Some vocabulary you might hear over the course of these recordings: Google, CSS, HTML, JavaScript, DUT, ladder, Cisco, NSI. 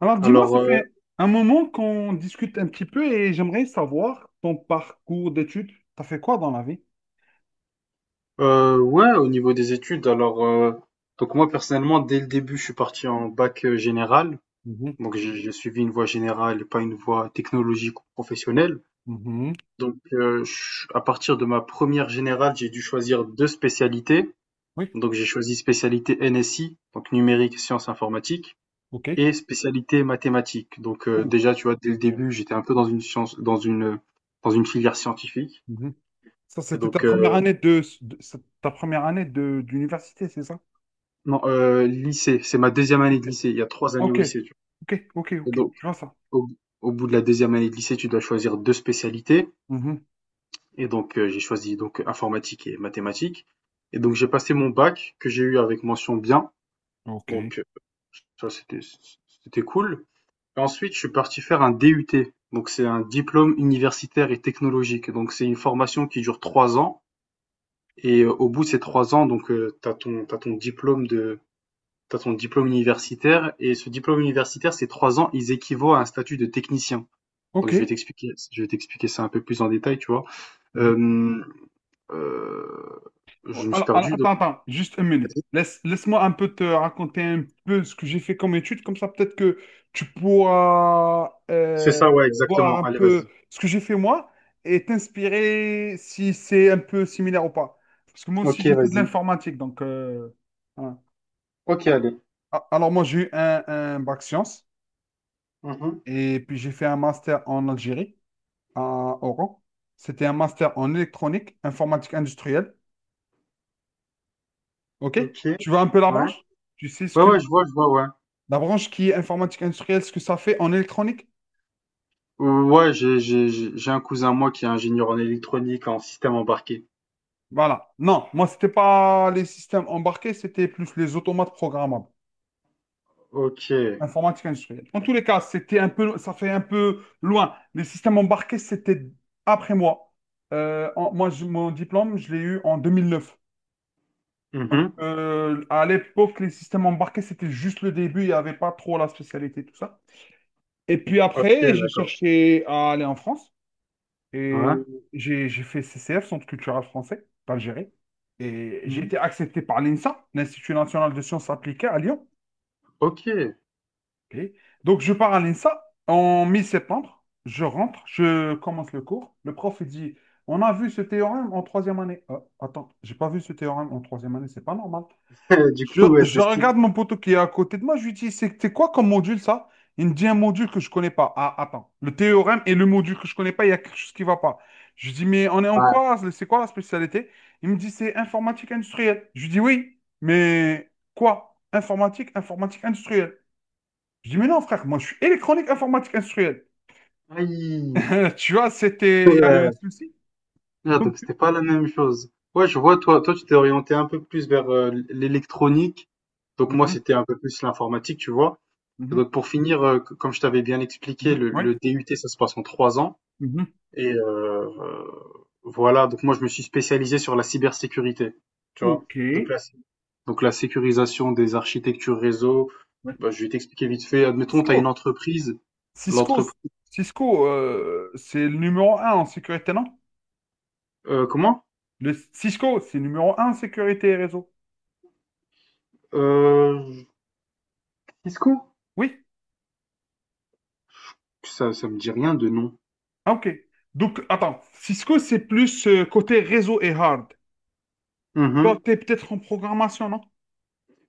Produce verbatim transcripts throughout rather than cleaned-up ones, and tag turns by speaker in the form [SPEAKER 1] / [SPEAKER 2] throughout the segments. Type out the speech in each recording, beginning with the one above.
[SPEAKER 1] Alors, dis-moi,
[SPEAKER 2] Alors,
[SPEAKER 1] ça
[SPEAKER 2] euh,
[SPEAKER 1] fait un moment qu'on discute un petit peu et j'aimerais savoir ton parcours d'études. T'as fait quoi dans la vie?
[SPEAKER 2] euh, ouais, au niveau des études, alors, euh, donc moi personnellement, dès le début, je suis parti en bac euh, général.
[SPEAKER 1] Mhm,
[SPEAKER 2] Donc, j'ai j'ai suivi une voie générale et pas une voie technologique ou professionnelle.
[SPEAKER 1] mhm.
[SPEAKER 2] Donc, euh, je- à partir de ma première générale, j'ai dû choisir deux spécialités.
[SPEAKER 1] Oui,
[SPEAKER 2] Donc, j'ai choisi spécialité N S I, donc numérique, sciences informatiques,
[SPEAKER 1] ok.
[SPEAKER 2] et spécialité mathématiques. Donc, euh,
[SPEAKER 1] Ouh,
[SPEAKER 2] déjà, tu vois, dès le
[SPEAKER 1] ok.
[SPEAKER 2] début, j'étais un peu dans une science, dans une, dans une filière scientifique.
[SPEAKER 1] Mhm. Ça,
[SPEAKER 2] Et
[SPEAKER 1] c'était ta
[SPEAKER 2] donc,
[SPEAKER 1] première
[SPEAKER 2] euh,
[SPEAKER 1] année de, de- c'est ta première année de d'université, c'est ça?
[SPEAKER 2] non, heu, lycée, c'est ma deuxième année de lycée. Il y a trois années
[SPEAKER 1] Ok,
[SPEAKER 2] au lycée, tu
[SPEAKER 1] ok, ok,
[SPEAKER 2] vois? Et
[SPEAKER 1] ok.
[SPEAKER 2] donc,
[SPEAKER 1] Je vois ça.
[SPEAKER 2] au au bout de la deuxième année de lycée, tu dois choisir deux spécialités
[SPEAKER 1] Mhm.
[SPEAKER 2] et donc, heu, j'ai choisi donc informatique et mathématiques et donc j'ai passé mon bac que j'ai eu avec mention bien,
[SPEAKER 1] Ok,
[SPEAKER 2] donc, heu, ça c'était c'était cool et ensuite je suis parti faire un D U T, donc c'est un diplôme universitaire et technologique, donc c'est une formation qui dure trois ans et euh, au bout de ces trois ans, donc, heu, tu ton t'as ton diplôme de t'as ton diplôme universitaire et ce diplôme universitaire, ces trois ans, ils équivaut à un statut de technicien. Donc
[SPEAKER 1] ok.
[SPEAKER 2] je vais t'expliquer, je vais t'expliquer ça un peu plus en détail, tu vois. Euh, euh, je me suis
[SPEAKER 1] Alors, alors,
[SPEAKER 2] perdu, donc
[SPEAKER 1] attends, attends, juste une minute.
[SPEAKER 2] vas-y.
[SPEAKER 1] Laisse, laisse-moi un peu te raconter un peu ce que j'ai fait comme étude, comme ça peut-être que tu pourras
[SPEAKER 2] C'est
[SPEAKER 1] euh,
[SPEAKER 2] ça, ouais,
[SPEAKER 1] voir
[SPEAKER 2] exactement.
[SPEAKER 1] un
[SPEAKER 2] Allez,
[SPEAKER 1] peu
[SPEAKER 2] vas-y.
[SPEAKER 1] ce que j'ai fait moi et t'inspirer si c'est un peu similaire ou pas. Parce que moi aussi
[SPEAKER 2] Ok,
[SPEAKER 1] j'ai fait de
[SPEAKER 2] vas-y.
[SPEAKER 1] l'informatique, donc euh, voilà.
[SPEAKER 2] Ok, allez.
[SPEAKER 1] Alors, alors, moi j'ai eu un, un bac sciences
[SPEAKER 2] Mhm.
[SPEAKER 1] et puis j'ai fait un master en Algérie, à Oran. C'était un master en électronique, informatique industrielle. Ok?
[SPEAKER 2] Ok, ouais.
[SPEAKER 1] Tu vois un peu la branche?
[SPEAKER 2] Ouais,
[SPEAKER 1] Tu sais ce que
[SPEAKER 2] ouais, je vois, je vois, ouais.
[SPEAKER 1] La branche qui est informatique industrielle, ce que ça fait en électronique?
[SPEAKER 2] Euh, ouais, j'ai, j'ai, j'ai j'ai un cousin, moi, qui est ingénieur en électronique, en système embarqué.
[SPEAKER 1] Voilà. Non, moi, c'était pas les systèmes embarqués, c'était plus les automates programmables.
[SPEAKER 2] Ok.
[SPEAKER 1] Informatique industrielle. En tous les cas, c'était un peu, ça fait un peu loin. Les systèmes embarqués, c'était après moi. Euh, en- moi, je- mon diplôme, je l'ai eu en deux mille neuf. Donc,
[SPEAKER 2] Mhm.
[SPEAKER 1] euh, à l'époque, les systèmes embarqués, c'était juste le début. Il n'y avait pas trop la spécialité, tout ça. Et puis
[SPEAKER 2] Ok,
[SPEAKER 1] après, j'ai
[SPEAKER 2] d'accord.
[SPEAKER 1] cherché à aller en France. Et
[SPEAKER 2] Ouais.
[SPEAKER 1] j'ai j'ai fait C C F, Centre culturel français d'Algérie. Et j'ai
[SPEAKER 2] Mhm.
[SPEAKER 1] été accepté par l'INSA, l'Institut national de sciences appliquées à Lyon.
[SPEAKER 2] Ok.
[SPEAKER 1] Ok. Donc je pars à l'INSA en mi-septembre. Je rentre, je commence le cours. Le prof il dit, on a vu ce théorème en troisième année. Ah, attends, j'ai pas vu ce théorème en troisième année, c'est pas normal.
[SPEAKER 2] Du
[SPEAKER 1] Je,
[SPEAKER 2] coup, ouais,
[SPEAKER 1] je
[SPEAKER 2] c'est…
[SPEAKER 1] regarde mon poteau qui est à côté de moi, je lui dis, c'est c'est quoi comme module ça? Il me dit un module que je connais pas. Ah, attends, le théorème et le module que je connais pas, il y a quelque chose qui va pas. Je lui dis, mais on est en quoi? C'est quoi la spécialité? Il me dit, c'est informatique industrielle. Je lui dis, oui, mais quoi? Informatique, informatique industrielle. Je dis, mais non, frère, moi je suis électronique informatique industrielle.
[SPEAKER 2] Aïe!
[SPEAKER 1] Tu vois, c'était, il y a eu un
[SPEAKER 2] Ouais.
[SPEAKER 1] souci.
[SPEAKER 2] Ah,
[SPEAKER 1] Donc,
[SPEAKER 2] donc c'était pas la même chose. Ouais, je vois, toi, toi, tu t'es orienté un peu plus vers euh, l'électronique. Donc moi,
[SPEAKER 1] Mhm,
[SPEAKER 2] c'était un peu plus l'informatique, tu vois. Et
[SPEAKER 1] mhm,
[SPEAKER 2] donc pour finir, euh, c- comme je t'avais bien expliqué,
[SPEAKER 1] mhm,
[SPEAKER 2] le,
[SPEAKER 1] ouais,
[SPEAKER 2] le D U T, ça se passe en trois ans.
[SPEAKER 1] mhm.
[SPEAKER 2] Et euh, euh, voilà, donc moi, je me suis spécialisé sur la cybersécurité, tu vois.
[SPEAKER 1] Ok.
[SPEAKER 2] Donc la, donc la sécurisation des architectures réseau,
[SPEAKER 1] Ouais.
[SPEAKER 2] bah, je vais t'expliquer vite fait. Admettons, tu as une
[SPEAKER 1] Cisco.
[SPEAKER 2] entreprise.
[SPEAKER 1] Cisco,
[SPEAKER 2] L'entreprise…
[SPEAKER 1] Cisco, euh, c'est le numéro un en sécurité, non?
[SPEAKER 2] euh, comment?
[SPEAKER 1] Le Cisco, c'est numéro un en sécurité et réseau.
[SPEAKER 2] Euh, Cisco?
[SPEAKER 1] Oui?
[SPEAKER 2] Ça ça me dit rien de nom.
[SPEAKER 1] Ah, ok. Donc, attends, Cisco, c'est plus euh, côté réseau et hard.
[SPEAKER 2] Mmh.
[SPEAKER 1] Toi, t'es peut-être en programmation, non?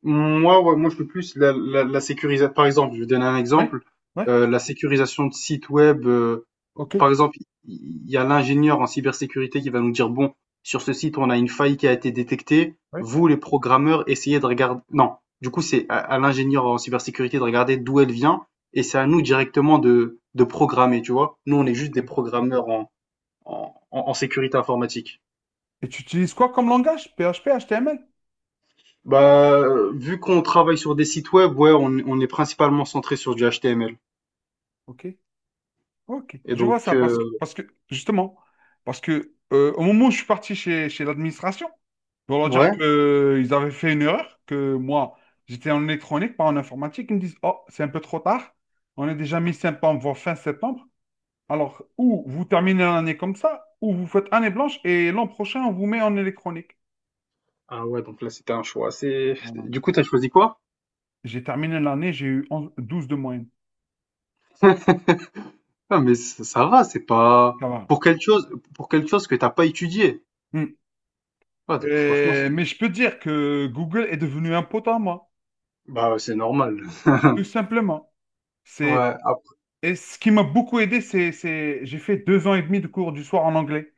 [SPEAKER 2] Moi, ouais, moi, je fais plus la la la sécurisa, par exemple, je vais donner un
[SPEAKER 1] Oui?
[SPEAKER 2] exemple,
[SPEAKER 1] Ouais?
[SPEAKER 2] heu, la sécurisation de sites web, heu,
[SPEAKER 1] Ok.
[SPEAKER 2] par exemple, il y a l'ingénieur en cybersécurité qui va nous dire: «Bon, sur ce site, on a une faille qui a été détectée.
[SPEAKER 1] Ouais?
[SPEAKER 2] Vous, les programmeurs, essayez de regarder non, du coup, c'est à à l'ingénieur en cybersécurité de regarder d'où elle vient et c'est à nous directement de de programmer, tu vois? Nous, on est juste
[SPEAKER 1] Ok.
[SPEAKER 2] des programmeurs en en en en sécurité informatique.
[SPEAKER 1] Et tu utilises quoi comme langage? P H P, H T M L?
[SPEAKER 2] Bah, euh, vu qu'on travaille sur des sites web, ouais, on, on est principalement centré sur du H T M L.
[SPEAKER 1] Ok. Ok.
[SPEAKER 2] Et
[SPEAKER 1] Je
[SPEAKER 2] donc,
[SPEAKER 1] vois ça
[SPEAKER 2] euh,
[SPEAKER 1] parce que, parce que justement, parce que euh, au moment où je suis parti chez, chez l'administration. Pour leur dire
[SPEAKER 2] ouais.
[SPEAKER 1] qu'ils avaient fait une erreur, que moi, j'étais en électronique, pas en informatique. Ils me disent, oh, c'est un peu trop tard. On est déjà mi-septembre, voire fin septembre. Alors, ou vous terminez l'année comme ça, ou vous faites année blanche et l'an prochain, on vous met en électronique.
[SPEAKER 2] Ah ouais, donc là, c'était un choix assez…
[SPEAKER 1] Voilà.
[SPEAKER 2] Du coup, t'as choisi quoi?
[SPEAKER 1] J'ai terminé l'année, j'ai eu onze douze de moyenne.
[SPEAKER 2] Ah, mais ça, ça va, c'est pas…
[SPEAKER 1] Ça va.
[SPEAKER 2] Pour quelque chose, pour quelque chose que t'as pas étudié.
[SPEAKER 1] Hmm.
[SPEAKER 2] Ah, donc franchement,
[SPEAKER 1] Et-
[SPEAKER 2] c'est…
[SPEAKER 1] mais je peux dire que Google est devenu un pote à moi,
[SPEAKER 2] Bah, ouais, c'est normal.
[SPEAKER 1] tout simplement. C'est,
[SPEAKER 2] Ouais, après-
[SPEAKER 1] et ce qui m'a beaucoup aidé, c'est, c'est, j'ai fait deux ans et demi de cours du soir en anglais.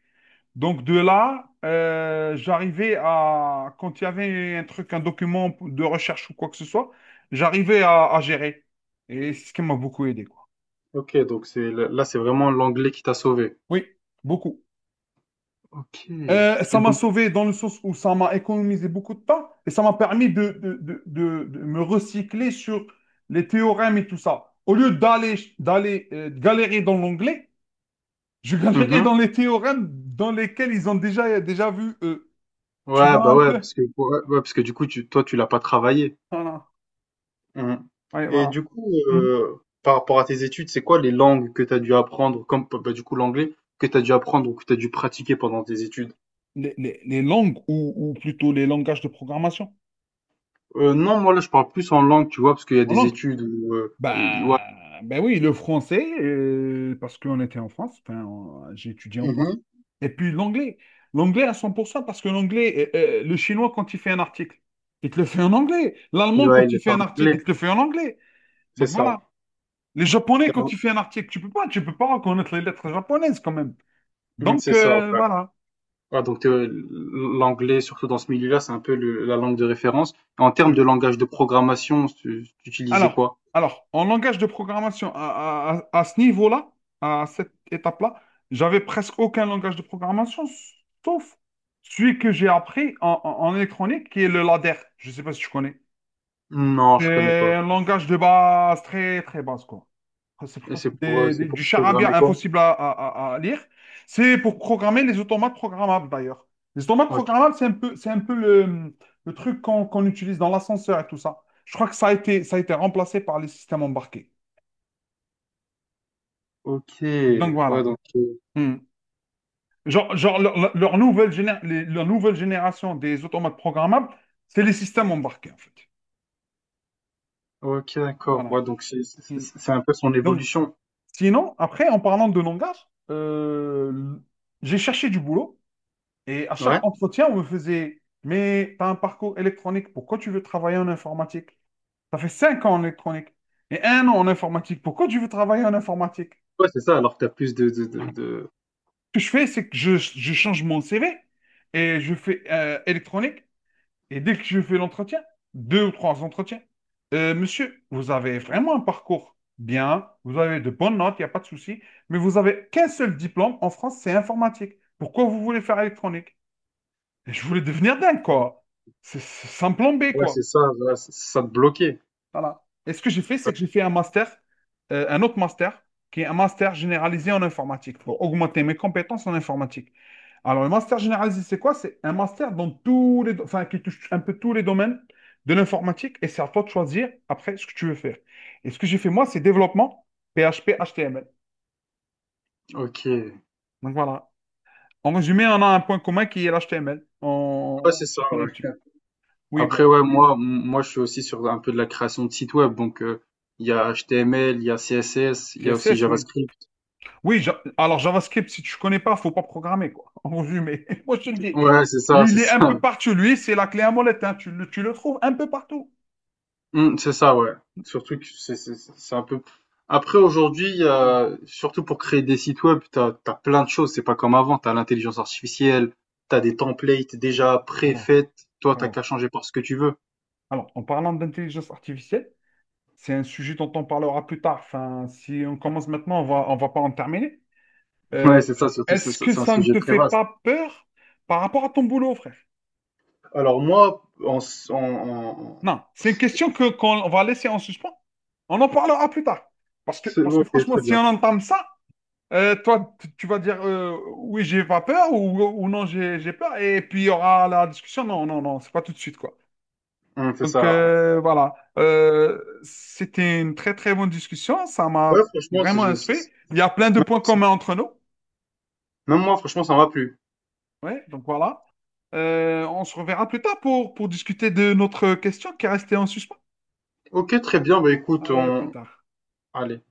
[SPEAKER 1] Donc de là, euh, j'arrivais à, quand il y avait un truc, un document de recherche ou quoi que ce soit, j'arrivais à, à gérer. Et c'est ce qui m'a beaucoup aidé, quoi.
[SPEAKER 2] ok, donc c'est là, c'est vraiment l'anglais qui t'a sauvé.
[SPEAKER 1] Oui, beaucoup.
[SPEAKER 2] Ok.
[SPEAKER 1] Euh,
[SPEAKER 2] Et
[SPEAKER 1] ça m'a
[SPEAKER 2] donc,
[SPEAKER 1] sauvé dans le sens où ça m'a économisé beaucoup de temps et ça m'a permis de, de, de- de- de me recycler sur les théorèmes et tout ça. Au lieu d'aller d'aller euh, galérer dans l'onglet, je galérais
[SPEAKER 2] mhm.
[SPEAKER 1] dans les théorèmes dans lesquels ils ont déjà, déjà vu eux. Tu
[SPEAKER 2] Ouais,
[SPEAKER 1] vois
[SPEAKER 2] bah
[SPEAKER 1] un
[SPEAKER 2] ouais,
[SPEAKER 1] peu?
[SPEAKER 2] parce que, ouais, ouais, parce que du coup, tu, toi, tu l'as pas travaillé.
[SPEAKER 1] Voilà.
[SPEAKER 2] Mmh.
[SPEAKER 1] Ouais,
[SPEAKER 2] Et
[SPEAKER 1] voilà.
[SPEAKER 2] du coup, heu, par rapport à tes études, c'est quoi les langues que tu as dû apprendre comme bah, du coup l'anglais, que tu as dû apprendre ou que tu as dû pratiquer pendant tes études?
[SPEAKER 1] les, les- les langues ou, ou plutôt les langages de programmation
[SPEAKER 2] Heu, non, moi là, je parle plus en langue, tu vois? Parce qu'il y a
[SPEAKER 1] en
[SPEAKER 2] des
[SPEAKER 1] langue.
[SPEAKER 2] études où, heu, i ouais.
[SPEAKER 1] Ben, ben oui, le français, euh, parce qu'on était en France, enfin, on- j'ai étudié en
[SPEAKER 2] Mmh mh.
[SPEAKER 1] France. Et puis l'anglais, l'anglais à cent pour cent parce que l'anglais, euh, euh, le chinois quand il fait un article, il te le fait en anglais. L'allemand
[SPEAKER 2] Ouais,
[SPEAKER 1] quand
[SPEAKER 2] il
[SPEAKER 1] il
[SPEAKER 2] est fait
[SPEAKER 1] fait
[SPEAKER 2] en
[SPEAKER 1] un article, il
[SPEAKER 2] anglais,
[SPEAKER 1] te le fait en anglais.
[SPEAKER 2] c'est
[SPEAKER 1] Donc
[SPEAKER 2] ça.
[SPEAKER 1] voilà. Les japonais quand il fait un article, tu peux pas, tu peux pas reconnaître les lettres japonaises quand même.
[SPEAKER 2] Mmh,
[SPEAKER 1] Donc
[SPEAKER 2] c'est ça,
[SPEAKER 1] euh,
[SPEAKER 2] ouais.
[SPEAKER 1] voilà.
[SPEAKER 2] Ouais, donc heu, l'anglais, surtout dans ce milieu-là, c'est un peu le la langue de référence. En termes de langage de programmation, tu tu utilisais
[SPEAKER 1] Alors,
[SPEAKER 2] quoi?
[SPEAKER 1] alors, en langage de programmation, à, à- à- à ce niveau-là, à cette étape-là, j'avais presque aucun langage de programmation, sauf celui que j'ai appris en, en- en électronique, qui est le ladder. Je ne sais pas si tu connais.
[SPEAKER 2] Non, je connais
[SPEAKER 1] C'est
[SPEAKER 2] pas.
[SPEAKER 1] un langage de base très très basse quoi. Enfin, c'est
[SPEAKER 2] Et
[SPEAKER 1] presque
[SPEAKER 2] c'est pour, heu,
[SPEAKER 1] des-
[SPEAKER 2] c'est
[SPEAKER 1] des-
[SPEAKER 2] pour
[SPEAKER 1] du charabia
[SPEAKER 2] programmer quoi?
[SPEAKER 1] impossible à, à- à- à lire. C'est pour programmer les automates programmables d'ailleurs. Les automates
[SPEAKER 2] OK.
[SPEAKER 1] programmables, c'est un peu, c'est un peu le, le truc qu'on qu'on utilise dans l'ascenseur et tout ça. Je crois que ça a été, ça a été remplacé par les systèmes embarqués.
[SPEAKER 2] OK,
[SPEAKER 1] Donc
[SPEAKER 2] ouais
[SPEAKER 1] voilà.
[SPEAKER 2] donc heu.
[SPEAKER 1] Hmm. Genre, genre leur, leur- leur nouvelle géné- les- leur nouvelle génération des automates programmables, c'est les systèmes embarqués en fait.
[SPEAKER 2] OK d'accord,
[SPEAKER 1] Voilà.
[SPEAKER 2] ouais donc c'est c'est c'est
[SPEAKER 1] Hmm.
[SPEAKER 2] c'est un peu son
[SPEAKER 1] Donc
[SPEAKER 2] évolution.
[SPEAKER 1] Sinon, après, en parlant de langage, euh, j'ai cherché du boulot et à
[SPEAKER 2] Ouais,
[SPEAKER 1] chaque entretien, on me faisait, mais tu as un parcours électronique, pourquoi tu veux travailler en informatique? Ça fait cinq ans en électronique et un an en informatique, pourquoi tu veux travailler en informatique?
[SPEAKER 2] ouais c'est ça, alors que tu as plus de de de
[SPEAKER 1] Voilà.
[SPEAKER 2] de
[SPEAKER 1] Ce que je fais, c'est que je, je change mon C V et je fais euh, électronique. Et dès que je fais l'entretien, deux ou trois entretiens, euh, monsieur, vous avez vraiment un parcours bien, vous avez de bonnes notes, il n'y a pas de souci, mais vous avez qu'un seul diplôme en France, c'est informatique. Pourquoi vous voulez faire électronique? Et je voulais devenir dingue, quoi. C'est c'est sans plan bé,
[SPEAKER 2] Ouais
[SPEAKER 1] quoi.
[SPEAKER 2] c'est ça, voilà, ç ça te bloquait.
[SPEAKER 1] Voilà. Et ce que j'ai fait, c'est que j'ai fait un master, euh, un autre master, qui est un master généralisé en informatique, pour augmenter mes compétences en informatique. Alors, le master généralisé, c'est quoi? C'est un master dans tous les, do- enfin, qui touche un peu tous les domaines de l'informatique, et c'est à toi de choisir après ce que tu veux faire. Et ce que j'ai fait, moi, c'est développement P H P H T M L.
[SPEAKER 2] OK.
[SPEAKER 1] Donc voilà. En résumé, on a un point commun qui est l'H T M L.
[SPEAKER 2] Ouais
[SPEAKER 1] On
[SPEAKER 2] c'est ça,
[SPEAKER 1] s'y connaît
[SPEAKER 2] ouais.
[SPEAKER 1] un petit peu. Oui,
[SPEAKER 2] Après
[SPEAKER 1] bon,
[SPEAKER 2] ouais, moi m moi je suis aussi sur un peu de la création de sites web donc heu, il y a H T M L, il y a C S S, il y a aussi
[SPEAKER 1] C S S, oui.
[SPEAKER 2] JavaScript.
[SPEAKER 1] Oui, Ja- alors JavaScript, si tu ne connais pas, faut pas programmer, quoi. En résumé, moi je te le dis.
[SPEAKER 2] Ouais c'est ça,
[SPEAKER 1] Il
[SPEAKER 2] c'est
[SPEAKER 1] est un
[SPEAKER 2] ça.
[SPEAKER 1] peu partout, lui, c'est la clé à molette, hein. Tu le, tu le trouves un peu partout.
[SPEAKER 2] Mmh, c'est ça, ouais. Surtout que c'est c'est c'est c'est un peu après aujourd'hui, heu, surtout pour créer des sites web, t'as t'as plein de choses, c'est pas comme avant, t'as l'intelligence artificielle, t'as des templates déjà
[SPEAKER 1] Alors,
[SPEAKER 2] préfaites, toi t'as qu'à
[SPEAKER 1] alors,
[SPEAKER 2] changer par ce que tu veux.
[SPEAKER 1] alors, en parlant d'intelligence artificielle, c'est un sujet dont on parlera plus tard. Enfin, si on commence maintenant, on va, on va pas en terminer.
[SPEAKER 2] Ouais,
[SPEAKER 1] Euh,
[SPEAKER 2] c'est ça, surtout c'est
[SPEAKER 1] Est-ce
[SPEAKER 2] c'est
[SPEAKER 1] que
[SPEAKER 2] c'est un
[SPEAKER 1] ça ne
[SPEAKER 2] sujet
[SPEAKER 1] te
[SPEAKER 2] très
[SPEAKER 1] fait
[SPEAKER 2] vaste.
[SPEAKER 1] pas peur par rapport à ton boulot, frère?
[SPEAKER 2] Alors moi, en s en en
[SPEAKER 1] Non, c'est une question que qu'on va laisser en suspens. On en parlera plus tard. Parce que,
[SPEAKER 2] c'est
[SPEAKER 1] parce que
[SPEAKER 2] OK,
[SPEAKER 1] franchement,
[SPEAKER 2] très
[SPEAKER 1] si
[SPEAKER 2] bien.
[SPEAKER 1] on entame ça, Euh, toi, t- tu vas dire euh, oui, j'ai pas peur ou, ou non, j'ai j'ai peur. Et puis il y aura la discussion. Non, non, non, c'est pas tout de suite, quoi.
[SPEAKER 2] Mmh, c'est
[SPEAKER 1] Donc
[SPEAKER 2] ça, ouais.
[SPEAKER 1] euh, voilà. Euh, c'était une très très bonne discussion. Ça
[SPEAKER 2] Ouais,
[SPEAKER 1] m'a
[SPEAKER 2] franchement, c'est
[SPEAKER 1] vraiment
[SPEAKER 2] c'est
[SPEAKER 1] instruit.
[SPEAKER 2] c'est
[SPEAKER 1] Il y a plein de points communs entre nous.
[SPEAKER 2] même moi, franchement, ça m'a plu.
[SPEAKER 1] Ouais, donc voilà. Euh, on se reverra plus tard pour, pour discuter de notre question qui est restée en suspens.
[SPEAKER 2] OK, très bien, bah écoute,
[SPEAKER 1] Allez, à plus
[SPEAKER 2] on
[SPEAKER 1] tard.
[SPEAKER 2] allez.